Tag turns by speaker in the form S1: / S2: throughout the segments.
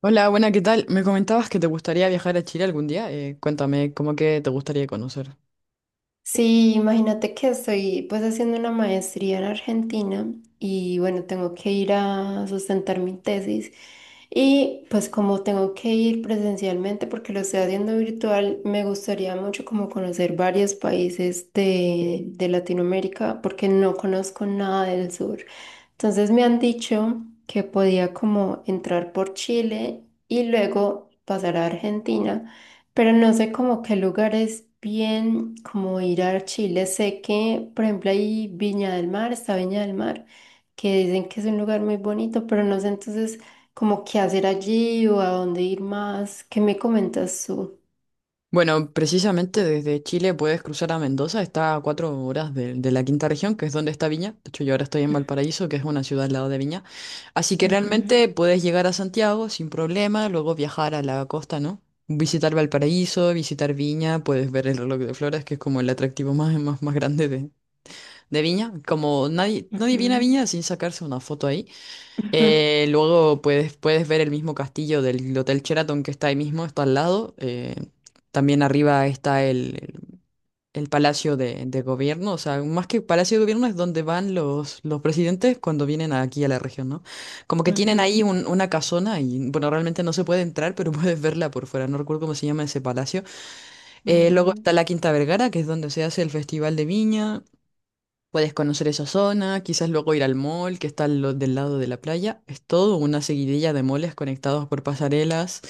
S1: Hola, buena, ¿qué tal? Me comentabas que te gustaría viajar a Chile algún día. Cuéntame, ¿cómo que te gustaría conocer?
S2: Sí, imagínate que estoy pues haciendo una maestría en Argentina y bueno, tengo que ir a sustentar mi tesis y pues como tengo que ir presencialmente porque lo estoy haciendo virtual, me gustaría mucho como conocer varios países de Latinoamérica porque no conozco nada del sur. Entonces me han dicho que podía como entrar por Chile y luego pasar a Argentina, pero no sé como qué lugares bien como ir a Chile. Sé que, por ejemplo, hay Viña del Mar, está Viña del Mar, que dicen que es un lugar muy bonito, pero no sé entonces como qué hacer allí o a dónde ir más. ¿Qué me comentas tú?
S1: Bueno, precisamente desde Chile puedes cruzar a Mendoza, está a 4 horas de la quinta región, que es donde está Viña. De hecho, yo ahora estoy en Valparaíso, que es una ciudad al lado de Viña. Así que
S2: Ujú,
S1: realmente puedes llegar a Santiago sin problema, luego viajar a la costa, ¿no? Visitar Valparaíso, visitar Viña, puedes ver el reloj de flores, que es como el atractivo más grande de Viña. Como nadie, nadie viene a
S2: ujú,
S1: Viña sin sacarse una foto ahí.
S2: ujú,
S1: Luego puedes ver el mismo castillo del Hotel Sheraton que está ahí mismo, está al lado. También arriba está el Palacio de Gobierno, o sea, más que Palacio de Gobierno es donde van los presidentes cuando vienen aquí a la región, ¿no? Como que tienen ahí una casona y, bueno, realmente no se puede entrar, pero puedes verla por fuera, no recuerdo cómo se llama ese palacio. Luego
S2: ujú,
S1: está la Quinta Vergara, que es donde se hace el Festival de Viña. Puedes conocer esa zona, quizás luego ir al mall que está del lado de la playa. Es todo una seguidilla de moles conectados por pasarelas.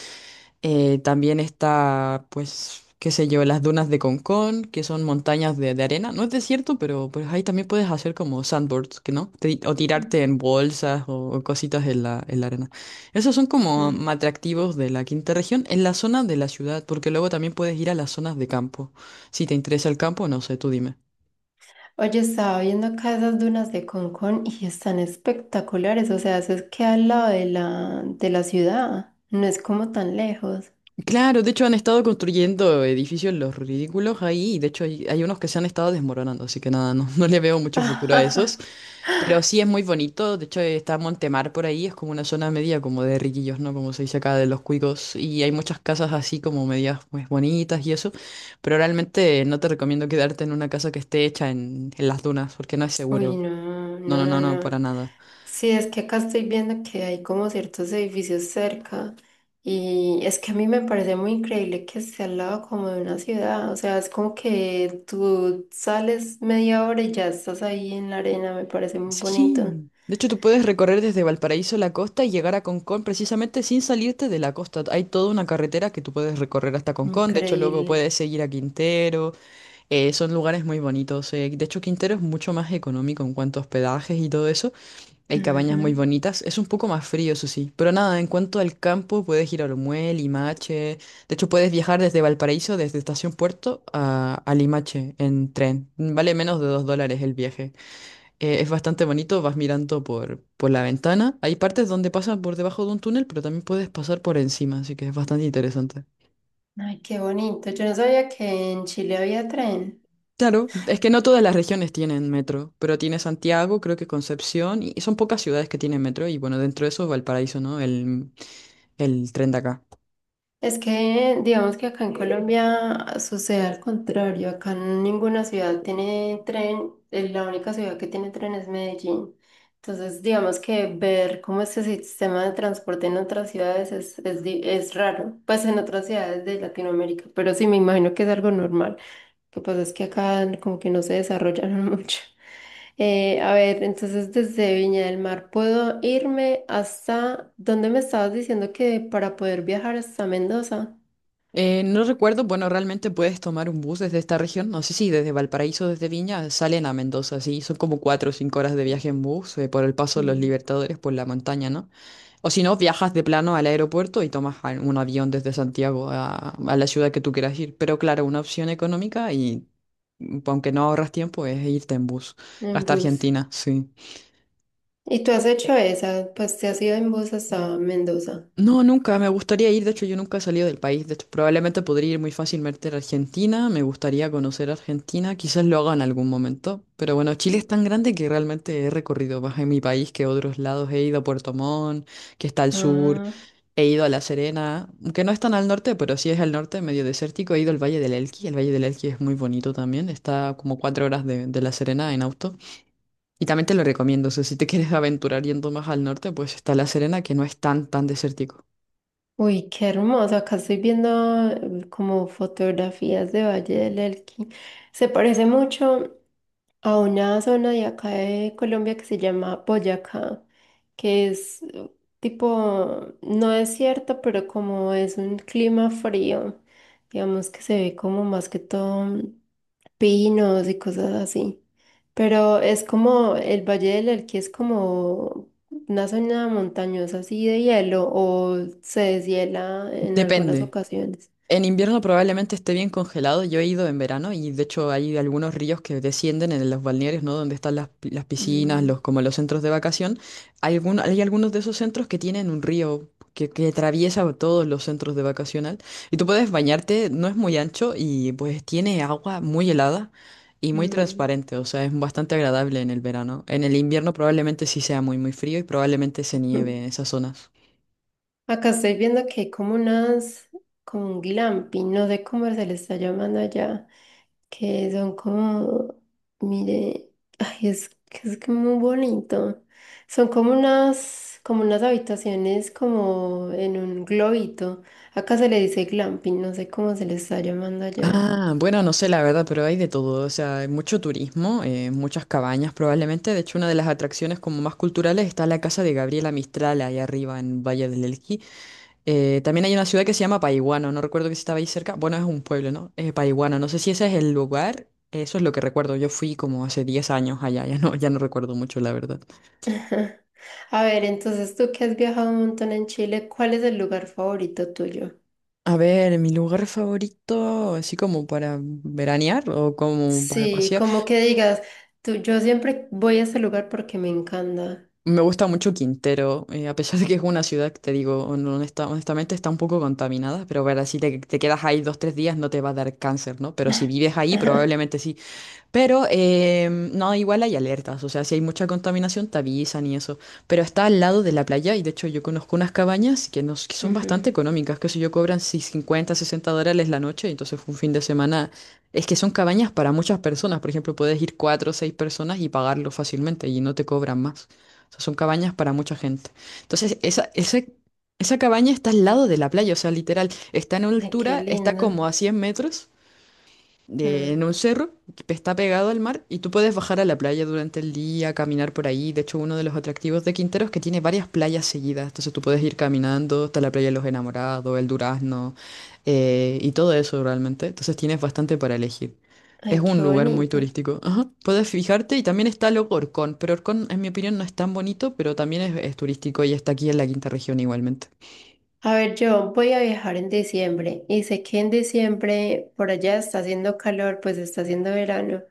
S1: También está, pues, qué sé yo, las dunas de Concón, que son montañas de arena. No es desierto, pero pues ahí también puedes hacer como sandboards, que no? O
S2: ujú,
S1: tirarte en bolsas o cositas en la arena. Esos son como
S2: ujú.
S1: atractivos de la quinta región en la zona de la ciudad, porque luego también puedes ir a las zonas de campo. Si te interesa el campo, no sé, tú dime.
S2: Oye, estaba viendo acá esas dunas de Concón y están espectaculares. O sea, eso es que al lado de la ciudad. No es como tan lejos.
S1: Claro, de hecho han estado construyendo edificios los ridículos ahí, y de hecho hay unos que se han estado desmoronando, así que nada, no, no le veo mucho futuro a esos. Pero sí es muy bonito, de hecho está Montemar por ahí, es como una zona media como de riquillos, ¿no? Como se dice acá de los cuicos, y hay muchas casas así como medias pues bonitas y eso, pero realmente no te recomiendo quedarte en una casa que esté hecha en las dunas, porque no es
S2: Uy,
S1: seguro.
S2: no,
S1: No,
S2: no,
S1: no,
S2: no,
S1: no, no, para
S2: no.
S1: nada.
S2: Sí, es que acá estoy viendo que hay como ciertos edificios cerca. Y es que a mí me parece muy increíble que esté al lado como de una ciudad. O sea, es como que tú sales media hora y ya estás ahí en la arena. Me parece muy bonito.
S1: Sí. De hecho, tú puedes recorrer desde Valparaíso a la costa y llegar a Concón precisamente sin salirte de la costa. Hay toda una carretera que tú puedes recorrer hasta Concón. De hecho, luego
S2: Increíble.
S1: puedes seguir a Quintero. Son lugares muy bonitos. Eh. De hecho, Quintero es mucho más económico en cuanto a hospedajes y todo eso. Hay cabañas muy bonitas. Es un poco más frío, eso sí. Pero nada, en cuanto al campo, puedes ir a Olmué, Limache. De hecho, puedes viajar desde Valparaíso, desde Estación Puerto a Limache en tren. Vale menos de $2 el viaje. Es bastante bonito, vas mirando por la ventana. Hay partes donde pasas por debajo de un túnel, pero también puedes pasar por encima, así que es bastante interesante.
S2: Ay, qué bonito. Yo no sabía que en Chile había tren.
S1: Claro, es que no todas las regiones tienen metro, pero tiene Santiago, creo que Concepción, y son pocas ciudades que tienen metro, y bueno, dentro de eso Valparaíso, ¿no? El tren de acá.
S2: Es que digamos que acá en Colombia sucede al contrario. Acá ninguna ciudad tiene tren. La única ciudad que tiene tren es Medellín. Entonces, digamos que ver cómo este sistema de transporte en otras ciudades es raro. Pues en otras ciudades de Latinoamérica, pero sí me imagino que es algo normal. Lo que pasa es que acá como que no se desarrollaron mucho. A ver, entonces desde Viña del Mar puedo irme hasta ¿dónde me estabas diciendo que para poder viajar hasta Mendoza?
S1: No recuerdo, bueno, realmente puedes tomar un bus desde esta región, no sé si desde Valparaíso, desde Viña, salen a Mendoza, sí, son como 4 o 5 horas de viaje en bus, por el paso de los
S2: Mm,
S1: Libertadores, por la montaña, ¿no? O si no, viajas de plano al aeropuerto y tomas un avión desde Santiago a la ciudad que tú quieras ir. Pero claro, una opción económica y aunque no ahorras tiempo es irte en bus
S2: en
S1: hasta
S2: bus.
S1: Argentina, sí.
S2: ¿Y tú has hecho esa? Pues te has ido en bus hasta Mendoza.
S1: No, nunca, me gustaría ir, de hecho yo nunca he salido del país, de hecho probablemente podría ir muy fácilmente a Argentina, me gustaría conocer Argentina, quizás lo haga en algún momento, pero bueno, Chile es tan grande que realmente he recorrido más en mi país que otros lados, he ido a Puerto Montt, que está al sur.
S2: Ah,
S1: He ido a La Serena, que no es tan al norte, pero sí es al norte, medio desértico. He ido al Valle del Elqui. El Valle del Elqui es muy bonito también. Está como 4 horas de La Serena en auto. Y también te lo recomiendo. O sea, si te quieres aventurar yendo más al norte, pues está La Serena, que no es tan, tan desértico.
S2: uy, qué hermoso. Acá estoy viendo como fotografías de Valle del Elqui. Se parece mucho a una zona de acá de Colombia que se llama Boyacá, que es tipo, no es cierto, pero como es un clima frío, digamos que se ve como más que todo pinos y cosas así. Pero es como el Valle del Elqui es como una zona montañosa así de hielo o se deshiela en algunas
S1: Depende.
S2: ocasiones.
S1: En invierno probablemente esté bien congelado. Yo he ido en verano y de hecho hay algunos ríos que descienden en los balnearios, ¿no? Donde están las piscinas,
S2: Mm,
S1: como los centros de vacación. Hay algunos de esos centros que tienen un río que atraviesa todos los centros de vacacional. Y tú puedes bañarte, no es muy ancho y pues tiene agua muy helada y muy
S2: mm.
S1: transparente. O sea, es bastante agradable en el verano. En el invierno probablemente sí sea muy, muy frío y probablemente se nieve en esas zonas.
S2: Acá estoy viendo que hay como unas, como un glamping, no sé cómo se le está llamando allá, que son como, mire, ay, es que muy bonito. Son como unas habitaciones como en un globito. Acá se le dice glamping, no sé cómo se le está llamando allá.
S1: Ah, bueno, no sé la verdad, pero hay de todo. O sea, hay mucho turismo, muchas cabañas probablemente. De hecho, una de las atracciones como más culturales está la casa de Gabriela Mistral ahí arriba en Valle del Elqui. También hay una ciudad que se llama Paihuano, no recuerdo que si estaba ahí cerca. Bueno, es un pueblo, ¿no? Paihuano, no sé si ese es el lugar. Eso es lo que recuerdo. Yo fui como hace 10 años allá, ya no recuerdo mucho, la verdad.
S2: A ver, entonces tú que has viajado un montón en Chile, ¿cuál es el lugar favorito tuyo?
S1: A ver, mi lugar favorito, así como para veranear o como para
S2: Sí,
S1: pasear.
S2: como que digas, tú, yo siempre voy a ese lugar porque me encanta.
S1: Me gusta mucho Quintero, a pesar de que es una ciudad que te digo, honestamente está un poco contaminada, pero ver si te quedas ahí 2, 3 días no te va a dar cáncer, ¿no? Pero si vives ahí, probablemente sí. Pero no, igual hay alertas, o sea, si hay mucha contaminación te avisan y eso. Pero está al lado de la playa y de hecho yo conozco unas cabañas que son bastante
S2: Ujú.
S1: económicas, que si yo cobran si $50, $60 la noche, entonces un fin de semana. Es que son cabañas para muchas personas, por ejemplo, puedes ir 4 o 6 personas y pagarlo fácilmente y no te cobran más. O sea, son cabañas para mucha gente. Entonces, esa cabaña está al lado de la playa, o sea, literal, está en
S2: Ay, qué
S1: altura, está
S2: lindo.
S1: como a 100 metros en
S2: Mm,
S1: un cerro que está pegado al mar y tú puedes bajar a la playa durante el día, caminar por ahí. De hecho, uno de los atractivos de Quintero es que tiene varias playas seguidas. Entonces tú puedes ir caminando hasta la playa de los Enamorados, el Durazno y todo eso realmente. Entonces tienes bastante para elegir. Es
S2: ay, qué
S1: un lugar muy
S2: bonito.
S1: turístico. Ajá. Puedes fijarte y también está luego Orcón, pero Orcón en mi opinión no es tan bonito, pero también es turístico y está aquí en la quinta región igualmente.
S2: A ver, yo voy a viajar en diciembre y sé que en diciembre por allá está haciendo calor, pues está haciendo verano,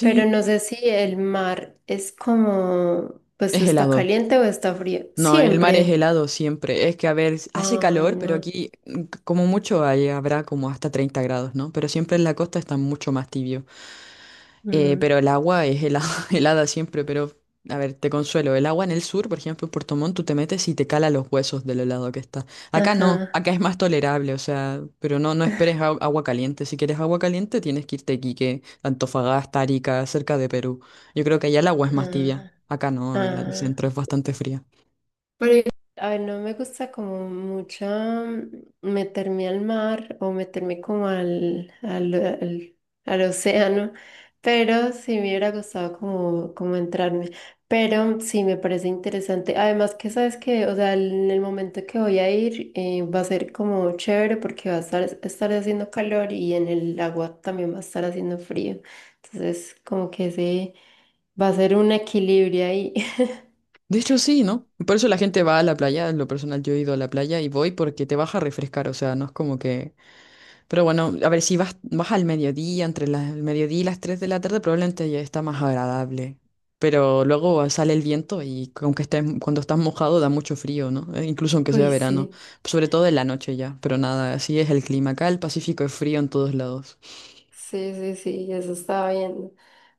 S2: pero no sé si el mar es como, pues
S1: es
S2: está
S1: helado.
S2: caliente o está frío.
S1: No, el mar es
S2: Siempre.
S1: helado siempre. Es que, a ver, hace
S2: Ay,
S1: calor, pero
S2: no.
S1: aquí como mucho ahí habrá como hasta 30 grados, ¿no? Pero siempre en la costa está mucho más tibio.
S2: Mm,
S1: Pero el agua es helada, helada siempre, pero, a ver, te consuelo. El agua en el sur, por ejemplo, en Puerto Montt, tú te metes y te cala los huesos del helado que está. Acá no,
S2: ajá.
S1: acá es más tolerable, o sea, pero no, no esperes agua caliente. Si quieres agua caliente, tienes que irte a Iquique, Antofagasta, Arica, cerca de Perú. Yo creo que allá el agua es más tibia.
S2: Ah,
S1: Acá no, el
S2: ah.
S1: centro es bastante fría.
S2: Pero, igual, a ver, no me gusta como mucho meterme al mar o meterme como al océano, pero sí me hubiera gustado como, como entrarme. Pero sí me parece interesante. Además que sabes que, o sea, en el momento que voy a ir va a ser como chévere porque va a estar haciendo calor y en el agua también va a estar haciendo frío. Entonces, como que ese va a ser un equilibrio ahí.
S1: De hecho, sí, ¿no? Por eso la gente va a la playa. En lo personal, yo he ido a la playa y voy porque te vas a refrescar. O sea, no es como que. Pero bueno, a ver, si vas, vas al mediodía, entre el mediodía y las 3 de la tarde, probablemente ya está más agradable. Pero luego sale el viento y aunque estés, cuando estás mojado da mucho frío, ¿no? Incluso aunque sea
S2: Uy,
S1: verano.
S2: sí.
S1: Sobre todo en la noche ya. Pero nada, así es el clima. Acá el Pacífico es frío en todos lados.
S2: Sí, sí, sí, eso estaba viendo.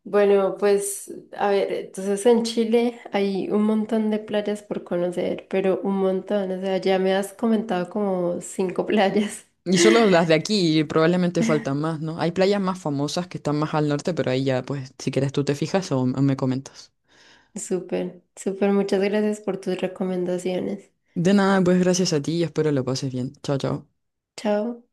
S2: Bueno, pues a ver, entonces en Chile hay un montón de playas por conocer, pero un montón, o sea, ya me has comentado como cinco playas.
S1: Y solo las de aquí, y probablemente faltan más, ¿no? Hay playas más famosas que están más al norte, pero ahí ya, pues, si quieres tú te fijas o me comentas.
S2: Súper, súper, muchas gracias por tus recomendaciones.
S1: De nada, pues gracias a ti y espero lo pases bien. Chao, chao.
S2: Chao.